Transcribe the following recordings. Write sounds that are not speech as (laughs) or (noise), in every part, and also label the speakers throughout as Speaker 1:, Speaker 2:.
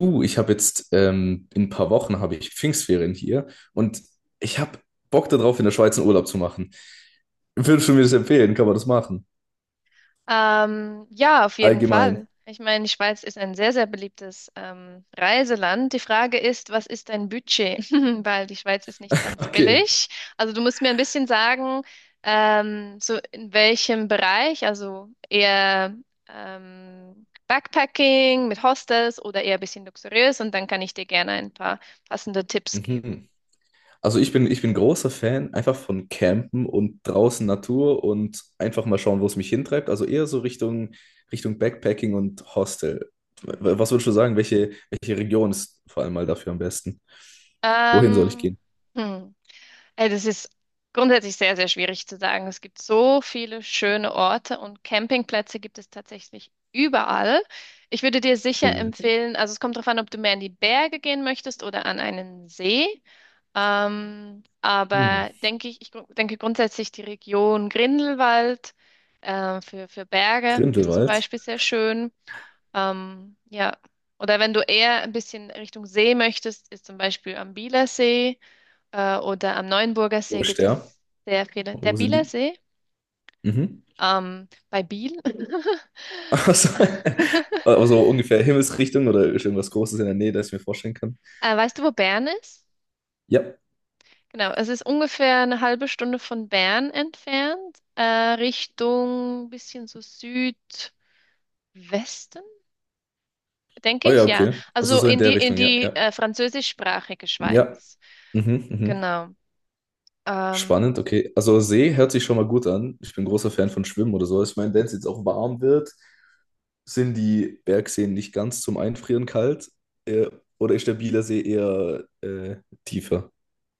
Speaker 1: Ich habe jetzt in ein paar Wochen habe ich Pfingstferien hier und ich habe Bock darauf, in der Schweiz einen Urlaub zu machen. Würdest du mir das empfehlen? Kann man das machen?
Speaker 2: Ja, auf jeden
Speaker 1: Allgemein.
Speaker 2: Fall.
Speaker 1: (laughs)
Speaker 2: Ich meine, die Schweiz ist ein sehr, sehr beliebtes Reiseland. Die Frage ist, was ist dein Budget? (laughs) Weil die Schweiz ist nicht ganz
Speaker 1: Okay.
Speaker 2: billig. Also du musst mir ein bisschen sagen, so in welchem Bereich, also eher Backpacking mit Hostels oder eher ein bisschen luxuriös und dann kann ich dir gerne ein paar passende Tipps geben.
Speaker 1: Mhm. Also ich bin großer Fan einfach von Campen und draußen Natur und einfach mal schauen, wo es mich hintreibt. Also eher so Richtung Backpacking und Hostel.
Speaker 2: Mhm.
Speaker 1: Was würdest du sagen? Welche Region ist vor allem mal dafür am besten? Wohin soll ich
Speaker 2: Ähm,
Speaker 1: gehen?
Speaker 2: hm. Das ist grundsätzlich sehr, sehr schwierig zu sagen. Es gibt so viele schöne Orte und Campingplätze gibt es tatsächlich überall. Ich würde dir sicher
Speaker 1: Oh,
Speaker 2: empfehlen, also es kommt darauf an, ob du mehr in die Berge gehen möchtest oder an einen See.
Speaker 1: hm.
Speaker 2: Aber denke ich, denke grundsätzlich die Region Grindelwald für, Berge ist zum
Speaker 1: Grindelwald.
Speaker 2: Beispiel sehr schön. Ja, oder wenn du eher ein bisschen Richtung See möchtest, ist zum Beispiel am Bielersee. Oder am Neuenburger
Speaker 1: Wo
Speaker 2: See
Speaker 1: ist
Speaker 2: gibt
Speaker 1: der?
Speaker 2: es sehr viele.
Speaker 1: Oh,
Speaker 2: Der
Speaker 1: wo sind
Speaker 2: Bieler
Speaker 1: die?
Speaker 2: See,
Speaker 1: Mhm.
Speaker 2: bei Biel. (laughs)
Speaker 1: Also, (laughs) also ungefähr Himmelsrichtung oder ist irgendwas Großes in der Nähe, das ich mir vorstellen kann.
Speaker 2: Weißt du, wo Bern ist?
Speaker 1: Ja.
Speaker 2: Genau, es ist ungefähr eine halbe Stunde von Bern entfernt, Richtung bisschen so Südwesten, denke
Speaker 1: Oh ja,
Speaker 2: ich, ja.
Speaker 1: okay. Also
Speaker 2: Also
Speaker 1: so in
Speaker 2: in
Speaker 1: der
Speaker 2: die in
Speaker 1: Richtung, ja,
Speaker 2: die
Speaker 1: ja.
Speaker 2: französischsprachige
Speaker 1: Ja.
Speaker 2: Schweiz.
Speaker 1: Mhm, mhm.
Speaker 2: Genau.
Speaker 1: Spannend,
Speaker 2: Ähm,
Speaker 1: okay. Also See hört sich schon mal gut an. Ich bin großer
Speaker 2: mhm.
Speaker 1: Fan von Schwimmen oder so. Ich meine, wenn es jetzt auch warm wird, sind die Bergseen nicht ganz zum Einfrieren kalt. Äh, oder ist der Bieler See eher tiefer?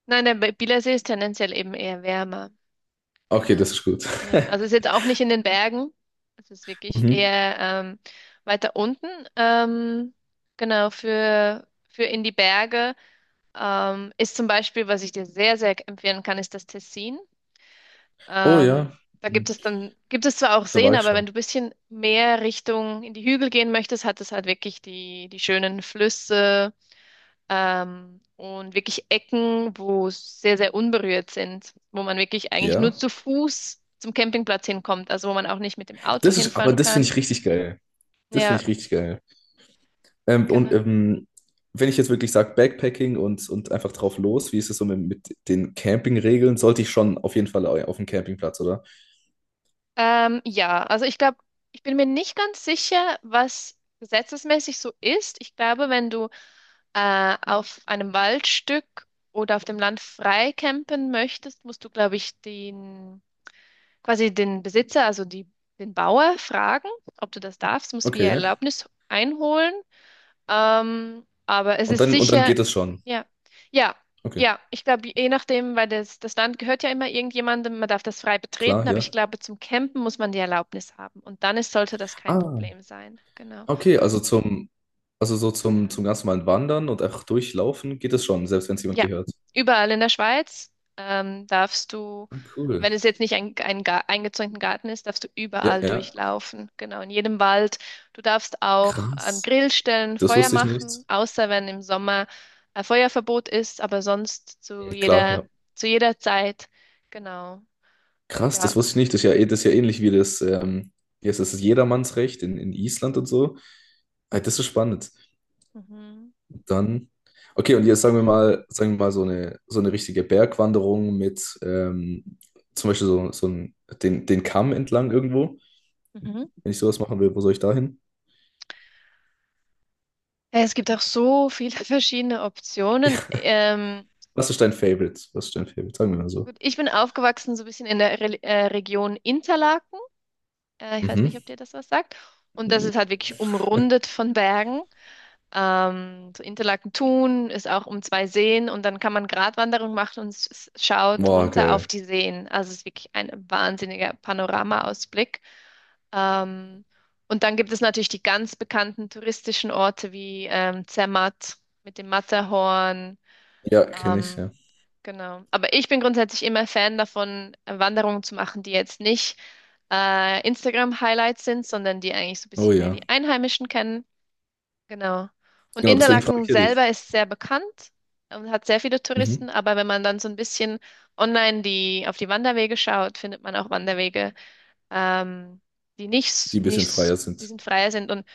Speaker 2: Nein, Bielersee ist tendenziell eben eher wärmer.
Speaker 1: Okay, das
Speaker 2: Genau.
Speaker 1: ist gut.
Speaker 2: Ja, also ist
Speaker 1: (laughs)
Speaker 2: jetzt auch nicht in den Bergen. Es ist wirklich
Speaker 1: Mhm.
Speaker 2: eher weiter unten. Ähm, genau, für in die Berge ist zum Beispiel, was ich dir sehr, sehr empfehlen kann, ist das Tessin.
Speaker 1: Oh
Speaker 2: Ähm,
Speaker 1: ja,
Speaker 2: Da gibt
Speaker 1: mhm,
Speaker 2: es dann, gibt es zwar auch
Speaker 1: da war
Speaker 2: Seen,
Speaker 1: ich
Speaker 2: aber wenn
Speaker 1: schon.
Speaker 2: du ein bisschen mehr Richtung in die Hügel gehen möchtest, hat es halt wirklich die schönen Flüsse und wirklich Ecken, wo es sehr, sehr unberührt sind, wo man wirklich eigentlich nur
Speaker 1: Ja.
Speaker 2: zu Fuß zum Campingplatz hinkommt, also wo man auch nicht mit dem Auto
Speaker 1: Aber
Speaker 2: hinfahren
Speaker 1: das finde
Speaker 2: kann.
Speaker 1: ich richtig geil. Das
Speaker 2: Ja,
Speaker 1: finde ich richtig geil. Ähm, und
Speaker 2: genau.
Speaker 1: ähm, Wenn ich jetzt wirklich sage, Backpacking und einfach drauf los, wie ist es so mit den Campingregeln? Sollte ich schon auf jeden Fall auf dem Campingplatz, oder?
Speaker 2: Ja, also ich glaube, ich bin mir nicht ganz sicher, was gesetzesmäßig so ist. Ich glaube, wenn du auf einem Waldstück oder auf dem Land frei campen möchtest, musst du, glaube ich, den quasi den Besitzer, also die, den Bauer, fragen, ob du das darfst, musst wie
Speaker 1: Okay.
Speaker 2: Erlaubnis einholen. Aber es
Speaker 1: Und
Speaker 2: ist
Speaker 1: dann, und dann
Speaker 2: sicher,
Speaker 1: geht es schon.
Speaker 2: ja, ja,
Speaker 1: Okay,
Speaker 2: ja, ich glaube, je nachdem, weil das Land gehört ja immer irgendjemandem, man darf das frei betreten,
Speaker 1: klar,
Speaker 2: aber
Speaker 1: ja.
Speaker 2: ich glaube, zum Campen muss man die Erlaubnis haben und dann ist, sollte das kein
Speaker 1: Ah,
Speaker 2: Problem sein. Genau.
Speaker 1: okay, also so
Speaker 2: Ja.
Speaker 1: zum ganz normalen Wandern und einfach durchlaufen geht es schon, selbst wenn es jemand
Speaker 2: Ja,
Speaker 1: gehört.
Speaker 2: überall in der Schweiz darfst du,
Speaker 1: Ah, cool.
Speaker 2: wenn es jetzt nicht ein eingezäunten Garten ist, darfst du
Speaker 1: Ja,
Speaker 2: überall
Speaker 1: ja.
Speaker 2: durchlaufen. Genau, in jedem Wald. Du darfst auch an
Speaker 1: Krass.
Speaker 2: Grillstellen
Speaker 1: Das
Speaker 2: Feuer
Speaker 1: wusste ich nicht.
Speaker 2: machen, außer wenn im Sommer Feuerverbot ist, aber sonst zu
Speaker 1: Klar,
Speaker 2: jeder,
Speaker 1: ja.
Speaker 2: zu jeder Zeit. Genau,
Speaker 1: Krass, das
Speaker 2: ja.
Speaker 1: wusste ich nicht. Das ist ja, das ist ja ähnlich wie das, wie heißt das, das Jedermannsrecht in Island und so. Ah, das ist so spannend.
Speaker 2: Mhm.
Speaker 1: Dann, okay, und jetzt
Speaker 2: Ja.
Speaker 1: sagen wir mal so eine richtige Bergwanderung mit zum Beispiel den, den Kamm entlang irgendwo.
Speaker 2: Mhm.
Speaker 1: Wenn ich sowas machen will, wo soll ich da hin?
Speaker 2: Ja, es gibt auch so viele (laughs) verschiedene Optionen.
Speaker 1: (laughs) Ja, was ist dein Favorite? Was ist dein Favorite? Sagen wir mal so.
Speaker 2: Gut, ich bin aufgewachsen so ein bisschen in der Re Region Interlaken. Ich weiß nicht,
Speaker 1: Mhm.
Speaker 2: ob dir das was sagt. Und das ist halt wirklich umrundet von Bergen. So Interlaken-Thun ist auch um zwei Seen und dann kann man Gratwanderung machen und schaut
Speaker 1: Boah,
Speaker 2: runter auf
Speaker 1: geil.
Speaker 2: die Seen. Also es ist wirklich ein wahnsinniger Panoramaausblick. Ähm, und dann gibt es natürlich die ganz bekannten touristischen Orte wie Zermatt mit dem Matterhorn.
Speaker 1: Ja, kenne ich, ja.
Speaker 2: ähm, genau. Aber ich bin grundsätzlich immer Fan davon, Wanderungen zu machen, die jetzt nicht Instagram-Highlights sind, sondern die eigentlich so ein
Speaker 1: Oh
Speaker 2: bisschen mehr
Speaker 1: ja.
Speaker 2: die Einheimischen kennen. Genau. Und
Speaker 1: Genau, deswegen frage
Speaker 2: Interlaken
Speaker 1: ich ja dich.
Speaker 2: selber ist sehr bekannt und hat sehr viele
Speaker 1: Mhm.
Speaker 2: Touristen, aber wenn man dann so ein bisschen online auf die Wanderwege schaut, findet man auch Wanderwege, ähm, die nicht, s-
Speaker 1: Die ein
Speaker 2: nicht,
Speaker 1: bisschen
Speaker 2: s-
Speaker 1: freier
Speaker 2: die
Speaker 1: sind.
Speaker 2: sind freier sind. Und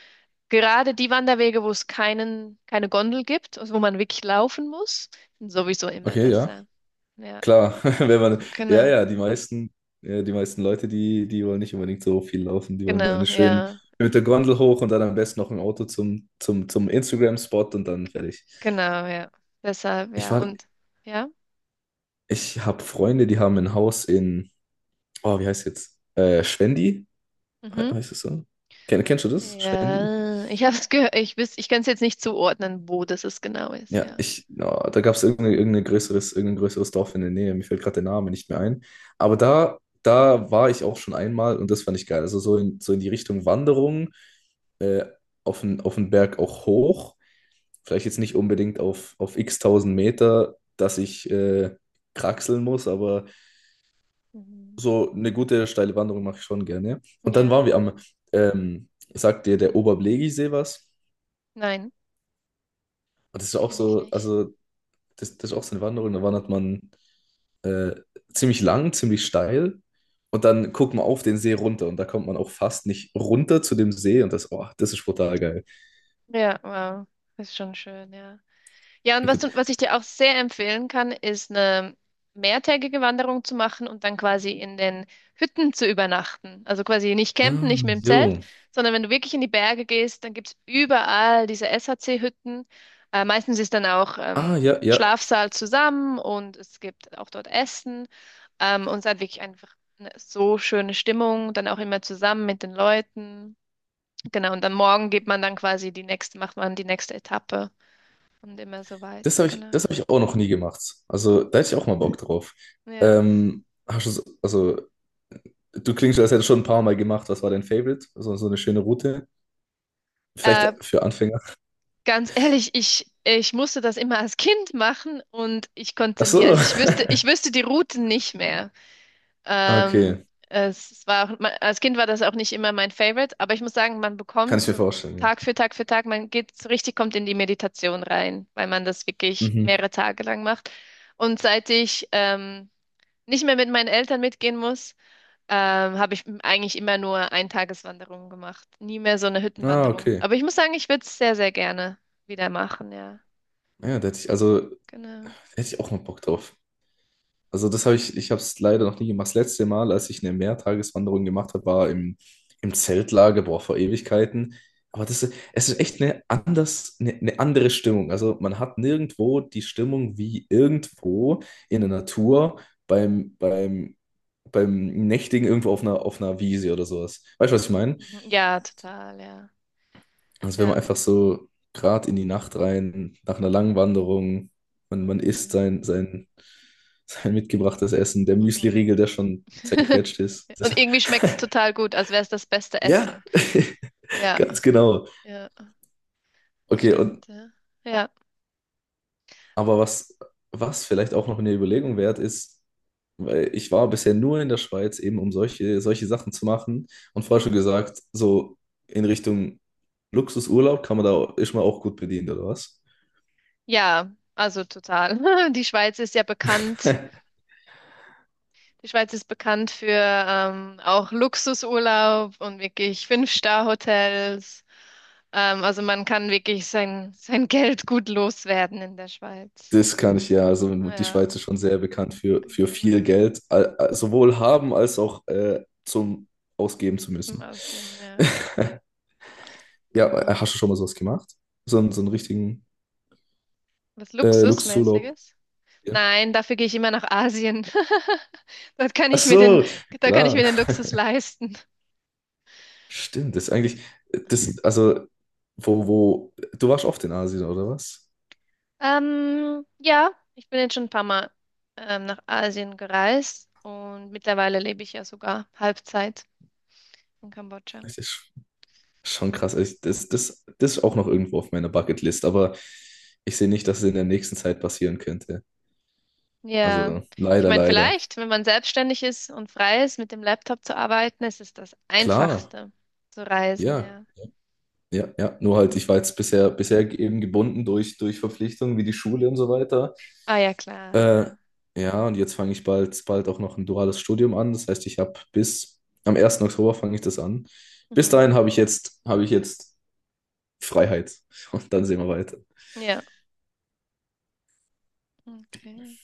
Speaker 2: gerade die Wanderwege, wo es keinen, keine Gondel gibt, also wo man wirklich laufen muss, sind sowieso immer
Speaker 1: Okay, ja.
Speaker 2: besser. Ja,
Speaker 1: Klar, (laughs) wenn man, ja,
Speaker 2: genau,
Speaker 1: ja, ja, die meisten Leute, die wollen nicht unbedingt so viel laufen. Die wollen dann
Speaker 2: genau,
Speaker 1: schön
Speaker 2: ja,
Speaker 1: mit der Gondel hoch und dann am besten noch im Auto zum Instagram-Spot und dann fertig.
Speaker 2: genau, ja. Deshalb,
Speaker 1: Ich
Speaker 2: ja,
Speaker 1: war,
Speaker 2: und ja,
Speaker 1: Ich habe Freunde, die haben ein Haus in, oh, wie heißt jetzt? Schwendi?
Speaker 2: mhm.
Speaker 1: Heißt es so? Kennst du das? Schwendi?
Speaker 2: Ja, ich habe es gehört, ich kann es jetzt nicht zuordnen, wo das es genau ist,
Speaker 1: Ja,
Speaker 2: ja.
Speaker 1: ja, da gab es irgendein größeres, irgendein größeres Dorf in der Nähe. Mir fällt gerade der Name nicht mehr ein. Aber da, Da war ich auch schon einmal und das fand ich geil. Also so in, so in die Richtung Wanderung, äh, auf den Berg auch hoch. Vielleicht jetzt nicht unbedingt auf x tausend Meter, dass ich kraxeln muss, aber
Speaker 2: Mhm.
Speaker 1: so eine gute steile Wanderung mache ich schon gerne. Und dann
Speaker 2: Ja,
Speaker 1: waren wir am, ähm, Sagt dir der Oberblegisee was?
Speaker 2: nein,
Speaker 1: Und das ist auch
Speaker 2: kenne ich
Speaker 1: so,
Speaker 2: nicht.
Speaker 1: das ist auch so eine Wanderung, da wandert man äh, ziemlich lang, ziemlich steil und dann guckt man auf den See runter und da kommt man auch fast nicht runter zu dem See und das, oh, das ist brutal geil.
Speaker 2: Ja, wow, ist schon schön, ja. Ja, und
Speaker 1: Gut.
Speaker 2: was ich dir auch sehr empfehlen kann, ist eine mehrtägige Wanderung zu machen und dann quasi in den Hütten zu übernachten. Also quasi nicht campen,
Speaker 1: Ah,
Speaker 2: nicht mit dem Zelt,
Speaker 1: jo.
Speaker 2: sondern wenn du wirklich in die Berge gehst, dann gibt's überall diese SHC-Hütten. Meistens ist dann auch
Speaker 1: Ah, ja, ja.
Speaker 2: Schlafsaal zusammen und es gibt auch dort Essen. Und es hat wirklich einfach eine so schöne Stimmung, dann auch immer zusammen mit den Leuten. Genau, und dann morgen geht man dann quasi die nächste, macht man die nächste Etappe. Und immer so weiter, genau.
Speaker 1: Das hab ich auch noch nie gemacht. Also, da hätte ich auch mal Bock drauf.
Speaker 2: Ja.
Speaker 1: Hast du, also, du klingst, als hättest du schon ein paar Mal gemacht. Was war dein Favorite? So, so eine schöne Route? Vielleicht
Speaker 2: Äh,
Speaker 1: für Anfänger.
Speaker 2: Ganz ehrlich, ich musste das immer als Kind machen und ich
Speaker 1: Ach
Speaker 2: konnte mir,
Speaker 1: so.
Speaker 2: also
Speaker 1: (laughs)
Speaker 2: ich wüsste die Routen nicht mehr.
Speaker 1: Ah, okay.
Speaker 2: Es war auch, als Kind war das auch nicht immer mein Favorite, aber ich muss sagen, man
Speaker 1: Kann
Speaker 2: bekommt
Speaker 1: ich mir
Speaker 2: so
Speaker 1: vorstellen,
Speaker 2: Tag für Tag für Tag, man geht so richtig, kommt in die Meditation rein, weil man das
Speaker 1: ja.
Speaker 2: wirklich
Speaker 1: Mhm.
Speaker 2: mehrere Tage lang macht. Und seit ich nicht mehr mit meinen Eltern mitgehen muss, habe ich eigentlich immer nur Eintageswanderungen gemacht. Nie mehr so eine
Speaker 1: Ah,
Speaker 2: Hüttenwanderung.
Speaker 1: okay.
Speaker 2: Aber ich muss sagen, ich würde es sehr, sehr gerne wieder machen, ja.
Speaker 1: Ja, da
Speaker 2: Genau.
Speaker 1: hätte ich auch mal Bock drauf. Ich habe es leider noch nie gemacht. Das letzte Mal, als ich eine Mehrtageswanderung gemacht habe, im Zeltlager, boah, vor Ewigkeiten. Es ist echt eine andere Stimmung. Also, man hat nirgendwo die Stimmung wie irgendwo in der Natur beim, beim, beim Nächtigen irgendwo auf einer Wiese oder sowas. Weißt du, was ich meine?
Speaker 2: Mhm. Ja, total, ja.
Speaker 1: Also wenn man
Speaker 2: Ja.
Speaker 1: einfach so gerade in die Nacht rein, nach einer langen Wanderung, man isst
Speaker 2: Mhm, mhm,
Speaker 1: sein mitgebrachtes Essen, der Müsli-Riegel,
Speaker 2: mhm.
Speaker 1: der schon
Speaker 2: (laughs)
Speaker 1: zerquetscht ist.
Speaker 2: Und
Speaker 1: Das,
Speaker 2: irgendwie schmeckt es total gut, als wäre es das beste
Speaker 1: ja,
Speaker 2: Essen.
Speaker 1: (laughs)
Speaker 2: Ja,
Speaker 1: ganz genau.
Speaker 2: ja, das
Speaker 1: Okay, und
Speaker 2: stimmt, ja. Ja,
Speaker 1: aber was, was vielleicht auch noch eine Überlegung wert ist, weil ich war bisher nur in der Schweiz, eben um solche Sachen zu machen. Und vorher schon gesagt, so in Richtung Luxusurlaub ist man auch gut bedient, oder was?
Speaker 2: ja, also total. (laughs) Die Schweiz ist ja bekannt.
Speaker 1: (laughs)
Speaker 2: Die Schweiz ist bekannt für auch Luxusurlaub und wirklich Fünf-Star-Hotels. Also man kann wirklich sein Geld gut loswerden in der Schweiz.
Speaker 1: Das kann ich ja. Also die
Speaker 2: Ja,
Speaker 1: Schweiz ist schon sehr bekannt für viel
Speaker 2: genau.
Speaker 1: Geld, sowohl haben als auch zum Ausgeben zu
Speaker 2: Zum
Speaker 1: müssen.
Speaker 2: Ausgeben,
Speaker 1: (laughs)
Speaker 2: ja,
Speaker 1: Ja,
Speaker 2: genau.
Speaker 1: hast du schon mal sowas gemacht? So, so einen richtigen
Speaker 2: Was
Speaker 1: Luxusurlaub?
Speaker 2: Luxusmäßiges?
Speaker 1: Ja.
Speaker 2: Nein, dafür gehe ich immer nach Asien. (laughs) Dort kann
Speaker 1: Ach
Speaker 2: ich mir den,
Speaker 1: so,
Speaker 2: Da kann ich
Speaker 1: klar.
Speaker 2: mir den Luxus leisten.
Speaker 1: Stimmt, das ist eigentlich, das, also, wo, wo, du warst oft in Asien, oder was?
Speaker 2: Ja, ich bin jetzt schon ein paar Mal nach Asien gereist und mittlerweile lebe ich ja sogar Halbzeit in Kambodscha.
Speaker 1: Das ist schon krass. Das ist auch noch irgendwo auf meiner Bucketlist, aber ich sehe nicht, dass es in der nächsten Zeit passieren könnte.
Speaker 2: Ja,
Speaker 1: Also,
Speaker 2: ich
Speaker 1: leider,
Speaker 2: meine,
Speaker 1: leider.
Speaker 2: vielleicht, wenn man selbstständig ist und frei ist, mit dem Laptop zu arbeiten, ist es das
Speaker 1: Klar.
Speaker 2: Einfachste zu reisen,
Speaker 1: Ja,
Speaker 2: ja.
Speaker 1: ja, ja. Nur halt,
Speaker 2: Hm.
Speaker 1: ich war jetzt bisher eben gebunden durch Verpflichtungen wie die Schule und so weiter.
Speaker 2: Ah ja, klar,
Speaker 1: Äh,
Speaker 2: ja.
Speaker 1: ja, und jetzt fange ich bald auch noch ein duales Studium an. Das heißt, ich habe bis am 1. Oktober fange ich das an. Bis dahin
Speaker 2: Mhm.
Speaker 1: habe ich jetzt Freiheit. Und dann sehen wir weiter.
Speaker 2: Ja, okay.